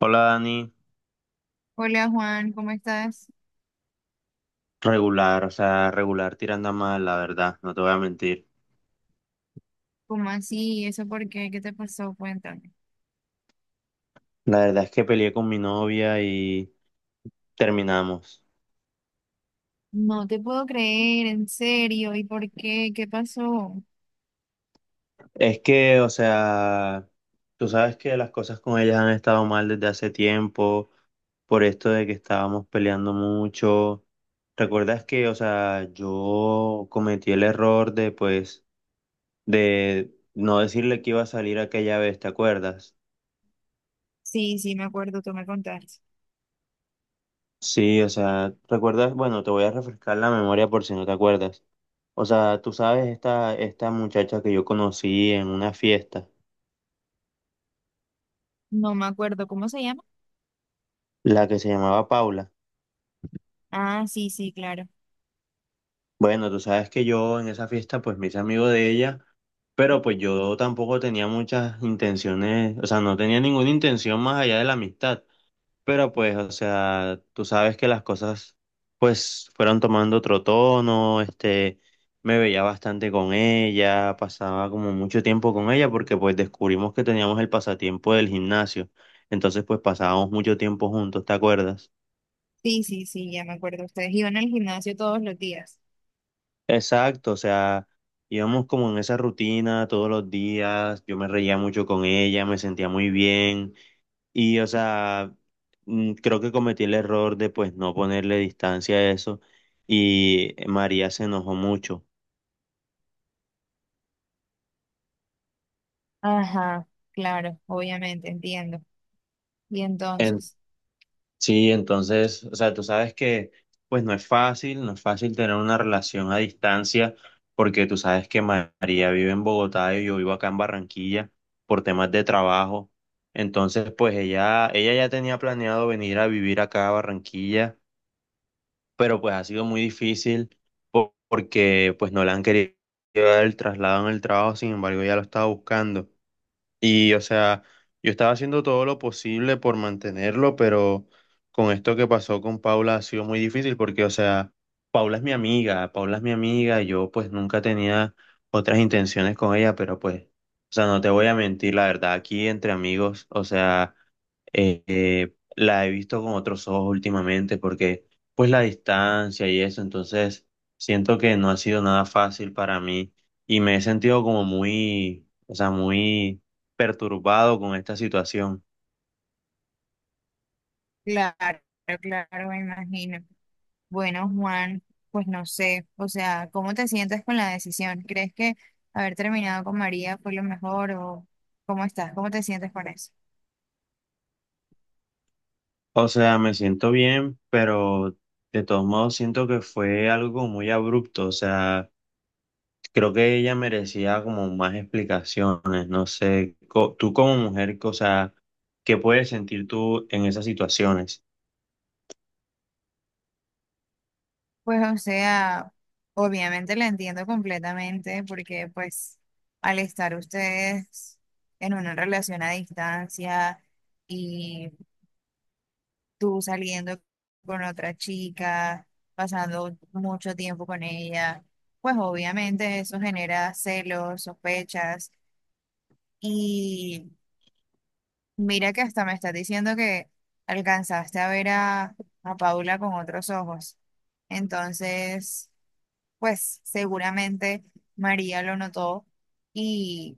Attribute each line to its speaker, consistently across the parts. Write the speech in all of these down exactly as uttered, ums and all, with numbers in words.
Speaker 1: Hola Dani,
Speaker 2: Hola Juan, ¿cómo estás?
Speaker 1: regular, o sea, regular tirando a mal, la verdad, no te voy a mentir.
Speaker 2: ¿Cómo así? ¿Y ¿Eso por qué? ¿Qué te pasó? Cuéntame.
Speaker 1: La verdad es que peleé con mi novia y terminamos.
Speaker 2: No te puedo creer, en serio. ¿Y por qué? ¿Qué pasó?
Speaker 1: Es que, o sea, tú sabes que las cosas con ellas han estado mal desde hace tiempo, por esto de que estábamos peleando mucho. ¿Recuerdas que, o sea, yo cometí el error de, pues, de no decirle que iba a salir aquella vez, ¿te acuerdas?
Speaker 2: Sí, sí, me acuerdo, tú me contaste.
Speaker 1: Sí, o sea, ¿recuerdas? Bueno, te voy a refrescar la memoria por si no te acuerdas. O sea, tú sabes esta, esta muchacha que yo conocí en una fiesta,
Speaker 2: No me acuerdo, ¿cómo se llama?
Speaker 1: la que se llamaba Paula.
Speaker 2: Ah, sí, sí, claro.
Speaker 1: Bueno, tú sabes que yo en esa fiesta pues me hice amigo de ella, pero pues yo tampoco tenía muchas intenciones, o sea, no tenía ninguna intención más allá de la amistad. Pero pues, o sea, tú sabes que las cosas pues fueron tomando otro tono, este, me veía bastante con ella, pasaba como mucho tiempo con ella porque pues descubrimos que teníamos el pasatiempo del gimnasio, entonces pues pasábamos mucho tiempo juntos, ¿te acuerdas?
Speaker 2: Sí, sí, sí, ya me acuerdo. Ustedes iban al gimnasio todos los días.
Speaker 1: Exacto, o sea, íbamos como en esa rutina todos los días, yo me reía mucho con ella, me sentía muy bien. Y, o sea, mm, creo que cometí el error de pues no ponerle distancia a eso y María se enojó mucho.
Speaker 2: Ajá, claro, obviamente, entiendo. Y
Speaker 1: En-
Speaker 2: entonces,
Speaker 1: sí, entonces, o sea, tú sabes que pues no es fácil, no es fácil tener una relación a distancia porque tú sabes que Ma- María vive en Bogotá y yo vivo acá en Barranquilla por temas de trabajo. Entonces, pues ella, ella ya tenía planeado venir a vivir acá a Barranquilla, pero pues ha sido muy difícil po- porque pues no le han querido dar el traslado en el trabajo, sin embargo ya lo estaba buscando. Y o sea, yo estaba haciendo todo lo posible por mantenerlo, pero con esto que pasó con Paula ha sido muy difícil porque o sea, Paula es mi amiga, Paula es mi amiga, yo pues nunca tenía otras intenciones con ella, pero pues, o sea, no te voy a mentir, la verdad, aquí entre amigos, o sea eh, la he visto con otros ojos últimamente porque pues la distancia y eso, entonces siento que no ha sido nada fácil para mí y me he sentido como muy, o sea, muy perturbado con esta situación.
Speaker 2: claro, claro, me imagino. Bueno, Juan, pues no sé, o sea, ¿cómo te sientes con la decisión? ¿Crees que haber terminado con María fue lo mejor o cómo estás? ¿Cómo te sientes con eso?
Speaker 1: O sea, me siento bien, pero de todos modos siento que fue algo muy abrupto, o sea, creo que ella merecía como más explicaciones, no sé, co- tú como mujer, o sea, ¿qué puedes sentir tú en esas situaciones?
Speaker 2: Pues o sea, obviamente la entiendo completamente, porque pues al estar ustedes en una relación a distancia y tú saliendo con otra chica, pasando mucho tiempo con ella, pues obviamente eso genera celos, sospechas y mira que hasta me estás diciendo que alcanzaste a ver a, a Paula con otros ojos. Entonces, pues seguramente María lo notó y,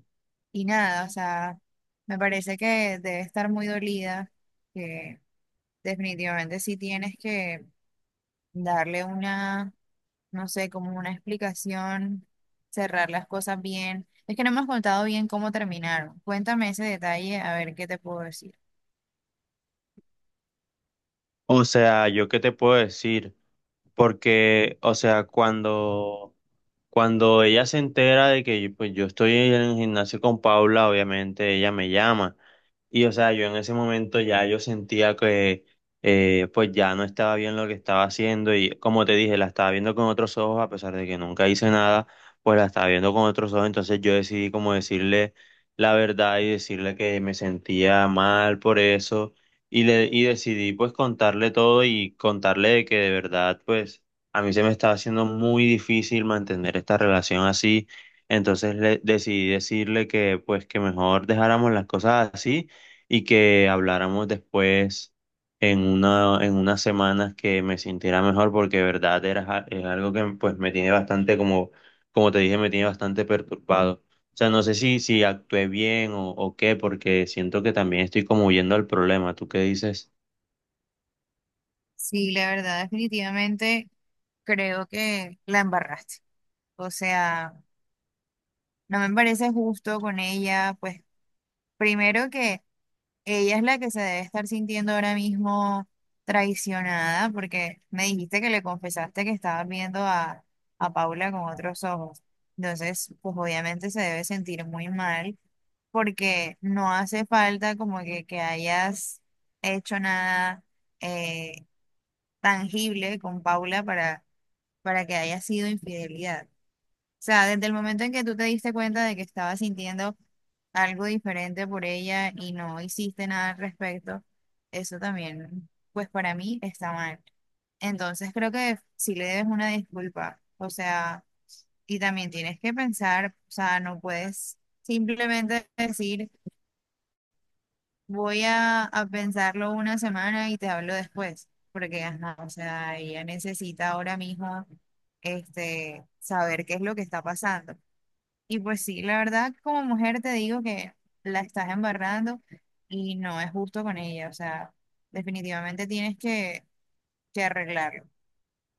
Speaker 2: y nada, o sea, me parece que debe estar muy dolida, que definitivamente sí tienes que darle una, no sé, como una explicación, cerrar las cosas bien. Es que no me has contado bien cómo terminaron. Cuéntame ese detalle, a ver qué te puedo decir.
Speaker 1: O sea, yo qué te puedo decir, porque, o sea, cuando, cuando ella se entera de que yo, pues, yo estoy en el gimnasio con Paula, obviamente ella me llama. Y o sea, yo en ese momento ya yo sentía que eh, pues ya no estaba bien lo que estaba haciendo y como te dije, la estaba viendo con otros ojos, a pesar de que nunca hice nada, pues la estaba viendo con otros ojos, entonces yo decidí como decirle la verdad y decirle que me sentía mal por eso y, le, y decidí pues contarle todo y contarle de que de verdad pues a mí se me estaba haciendo muy difícil mantener esta relación así, entonces le, decidí decirle que pues que mejor dejáramos las cosas así y que habláramos después en una, en unas semanas que me sintiera mejor, porque de verdad era, ja- es algo que pues me tiene bastante como, como te dije, me tiene bastante perturbado. O sea, no sé si, si actué bien o, o qué, porque siento que también estoy como huyendo al problema. ¿Tú qué dices?
Speaker 2: Sí, la verdad, definitivamente creo que la embarraste. O sea, no me parece justo con ella, pues primero que ella es la que se debe estar sintiendo ahora mismo traicionada, porque me dijiste que le confesaste que estabas viendo a, a Paula con otros ojos. Entonces, pues obviamente se debe sentir muy mal, porque no hace falta como que, que hayas hecho nada eh, tangible con Paula para para que haya sido infidelidad. O sea, desde el momento en que tú te diste cuenta de que estabas sintiendo algo diferente por ella y no hiciste nada al respecto, eso también, pues para mí está mal. Entonces creo que si le debes una disculpa, o sea, y también tienes que pensar, o sea, no puedes simplemente decir: voy a, a pensarlo una semana y te hablo después, porque ajá, o sea, ella necesita ahora mismo, este, saber qué es lo que está pasando. Y pues sí, la verdad, como mujer te digo que la estás embarrando y no es justo con ella. O sea, definitivamente tienes que, que arreglarlo,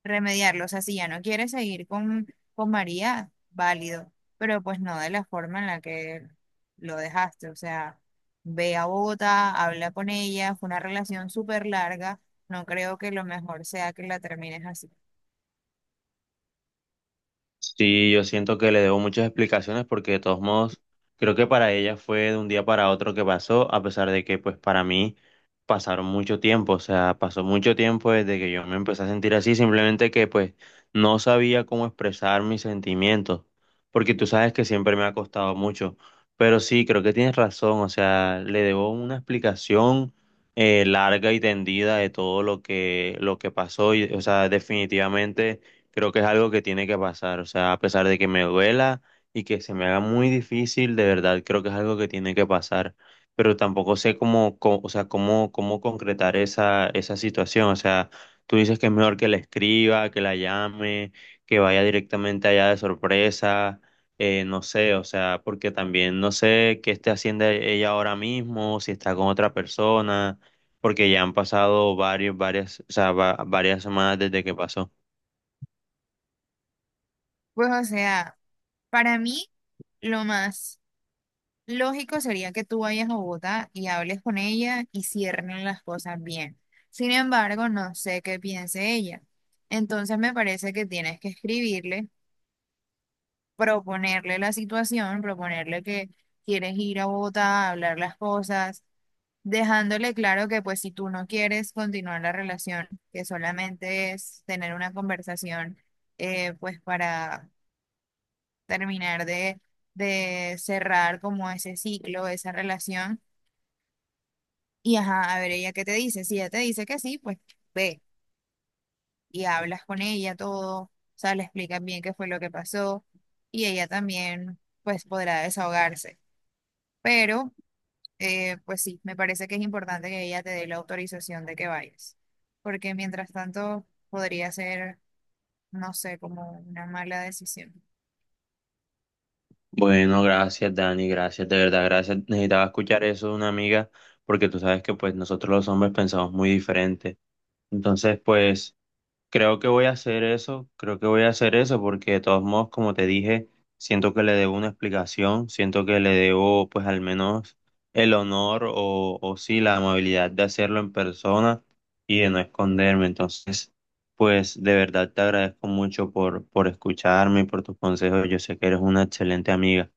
Speaker 2: remediarlo. O sea, si ya no quiere seguir con, con María, válido, pero pues no de la forma en la que lo dejaste. O sea, ve a Bogotá, habla con ella, fue una relación súper larga. No creo que lo mejor sea que la termines así.
Speaker 1: Sí, yo siento que le debo muchas explicaciones porque de todos modos creo que para ella fue de un día para otro que pasó, a pesar de que pues para mí pasaron mucho tiempo, o sea, pasó mucho tiempo desde que yo me empecé a sentir así, simplemente que pues no sabía cómo expresar mis sentimientos, porque tú sabes que siempre me ha costado mucho, pero sí, creo que tienes razón, o sea, le debo una explicación eh, larga y tendida de todo lo que, lo que pasó y, o sea, definitivamente creo que es algo que tiene que pasar, o sea, a pesar de que me duela y que se me haga muy difícil, de verdad creo que es algo que tiene que pasar, pero tampoco sé cómo, co- o sea, cómo, cómo concretar esa, esa situación, o sea, tú dices que es mejor que la escriba, que la llame, que vaya directamente allá de sorpresa, eh, no sé, o sea, porque también no sé qué esté haciendo ella ahora mismo, si está con otra persona, porque ya han pasado varios, varias, o sea, va- varias semanas desde que pasó.
Speaker 2: Pues o sea, para mí lo más lógico sería que tú vayas a Bogotá y hables con ella y cierren las cosas bien. Sin embargo, no sé qué piense ella. Entonces me parece que tienes que escribirle, proponerle la situación, proponerle que quieres ir a Bogotá a hablar las cosas, dejándole claro que pues si tú no quieres continuar la relación, que solamente es tener una conversación, eh, pues para terminar de, de cerrar como ese ciclo, esa relación, y ajá, a ver ella qué te dice. Si ella te dice que sí, pues ve y hablas con ella todo, o sea, le explicas bien qué fue lo que pasó, y ella también pues podrá desahogarse. Pero eh, pues sí, me parece que es importante que ella te dé la autorización de que vayas, porque mientras tanto podría ser, no sé, como una mala decisión.
Speaker 1: Bueno, gracias Dani, gracias, de verdad, gracias. Necesitaba escuchar eso de una amiga porque tú sabes que pues nosotros los hombres pensamos muy diferente. Entonces, pues creo que voy a hacer eso, creo que voy a hacer eso porque de todos modos, como te dije, siento que le debo una explicación, siento que le debo pues al menos el honor o, o sí la amabilidad de hacerlo en persona y de no esconderme. Entonces, pues de verdad te agradezco mucho por, por escucharme y por tus consejos. Yo sé que eres una excelente amiga.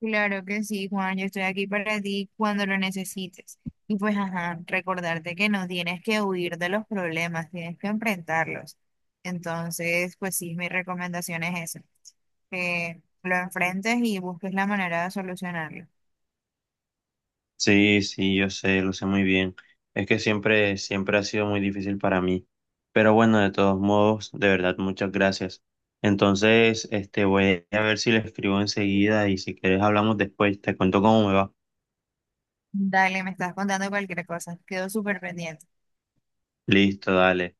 Speaker 2: Claro que sí, Juan, yo estoy aquí para ti cuando lo necesites. Y pues, ajá, recordarte que no tienes que huir de los problemas, tienes que enfrentarlos. Entonces, pues sí, mi recomendación es esa, que lo enfrentes y busques la manera de solucionarlo.
Speaker 1: Sí, sí, yo sé, lo sé muy bien. Es que siempre, siempre ha sido muy difícil para mí. Pero bueno, de todos modos, de verdad, muchas gracias. Entonces, este, voy a ver si le escribo enseguida y si quieres hablamos después, te cuento cómo me va.
Speaker 2: Dale, me estás contando cualquier cosa, quedo súper pendiente.
Speaker 1: Listo, dale.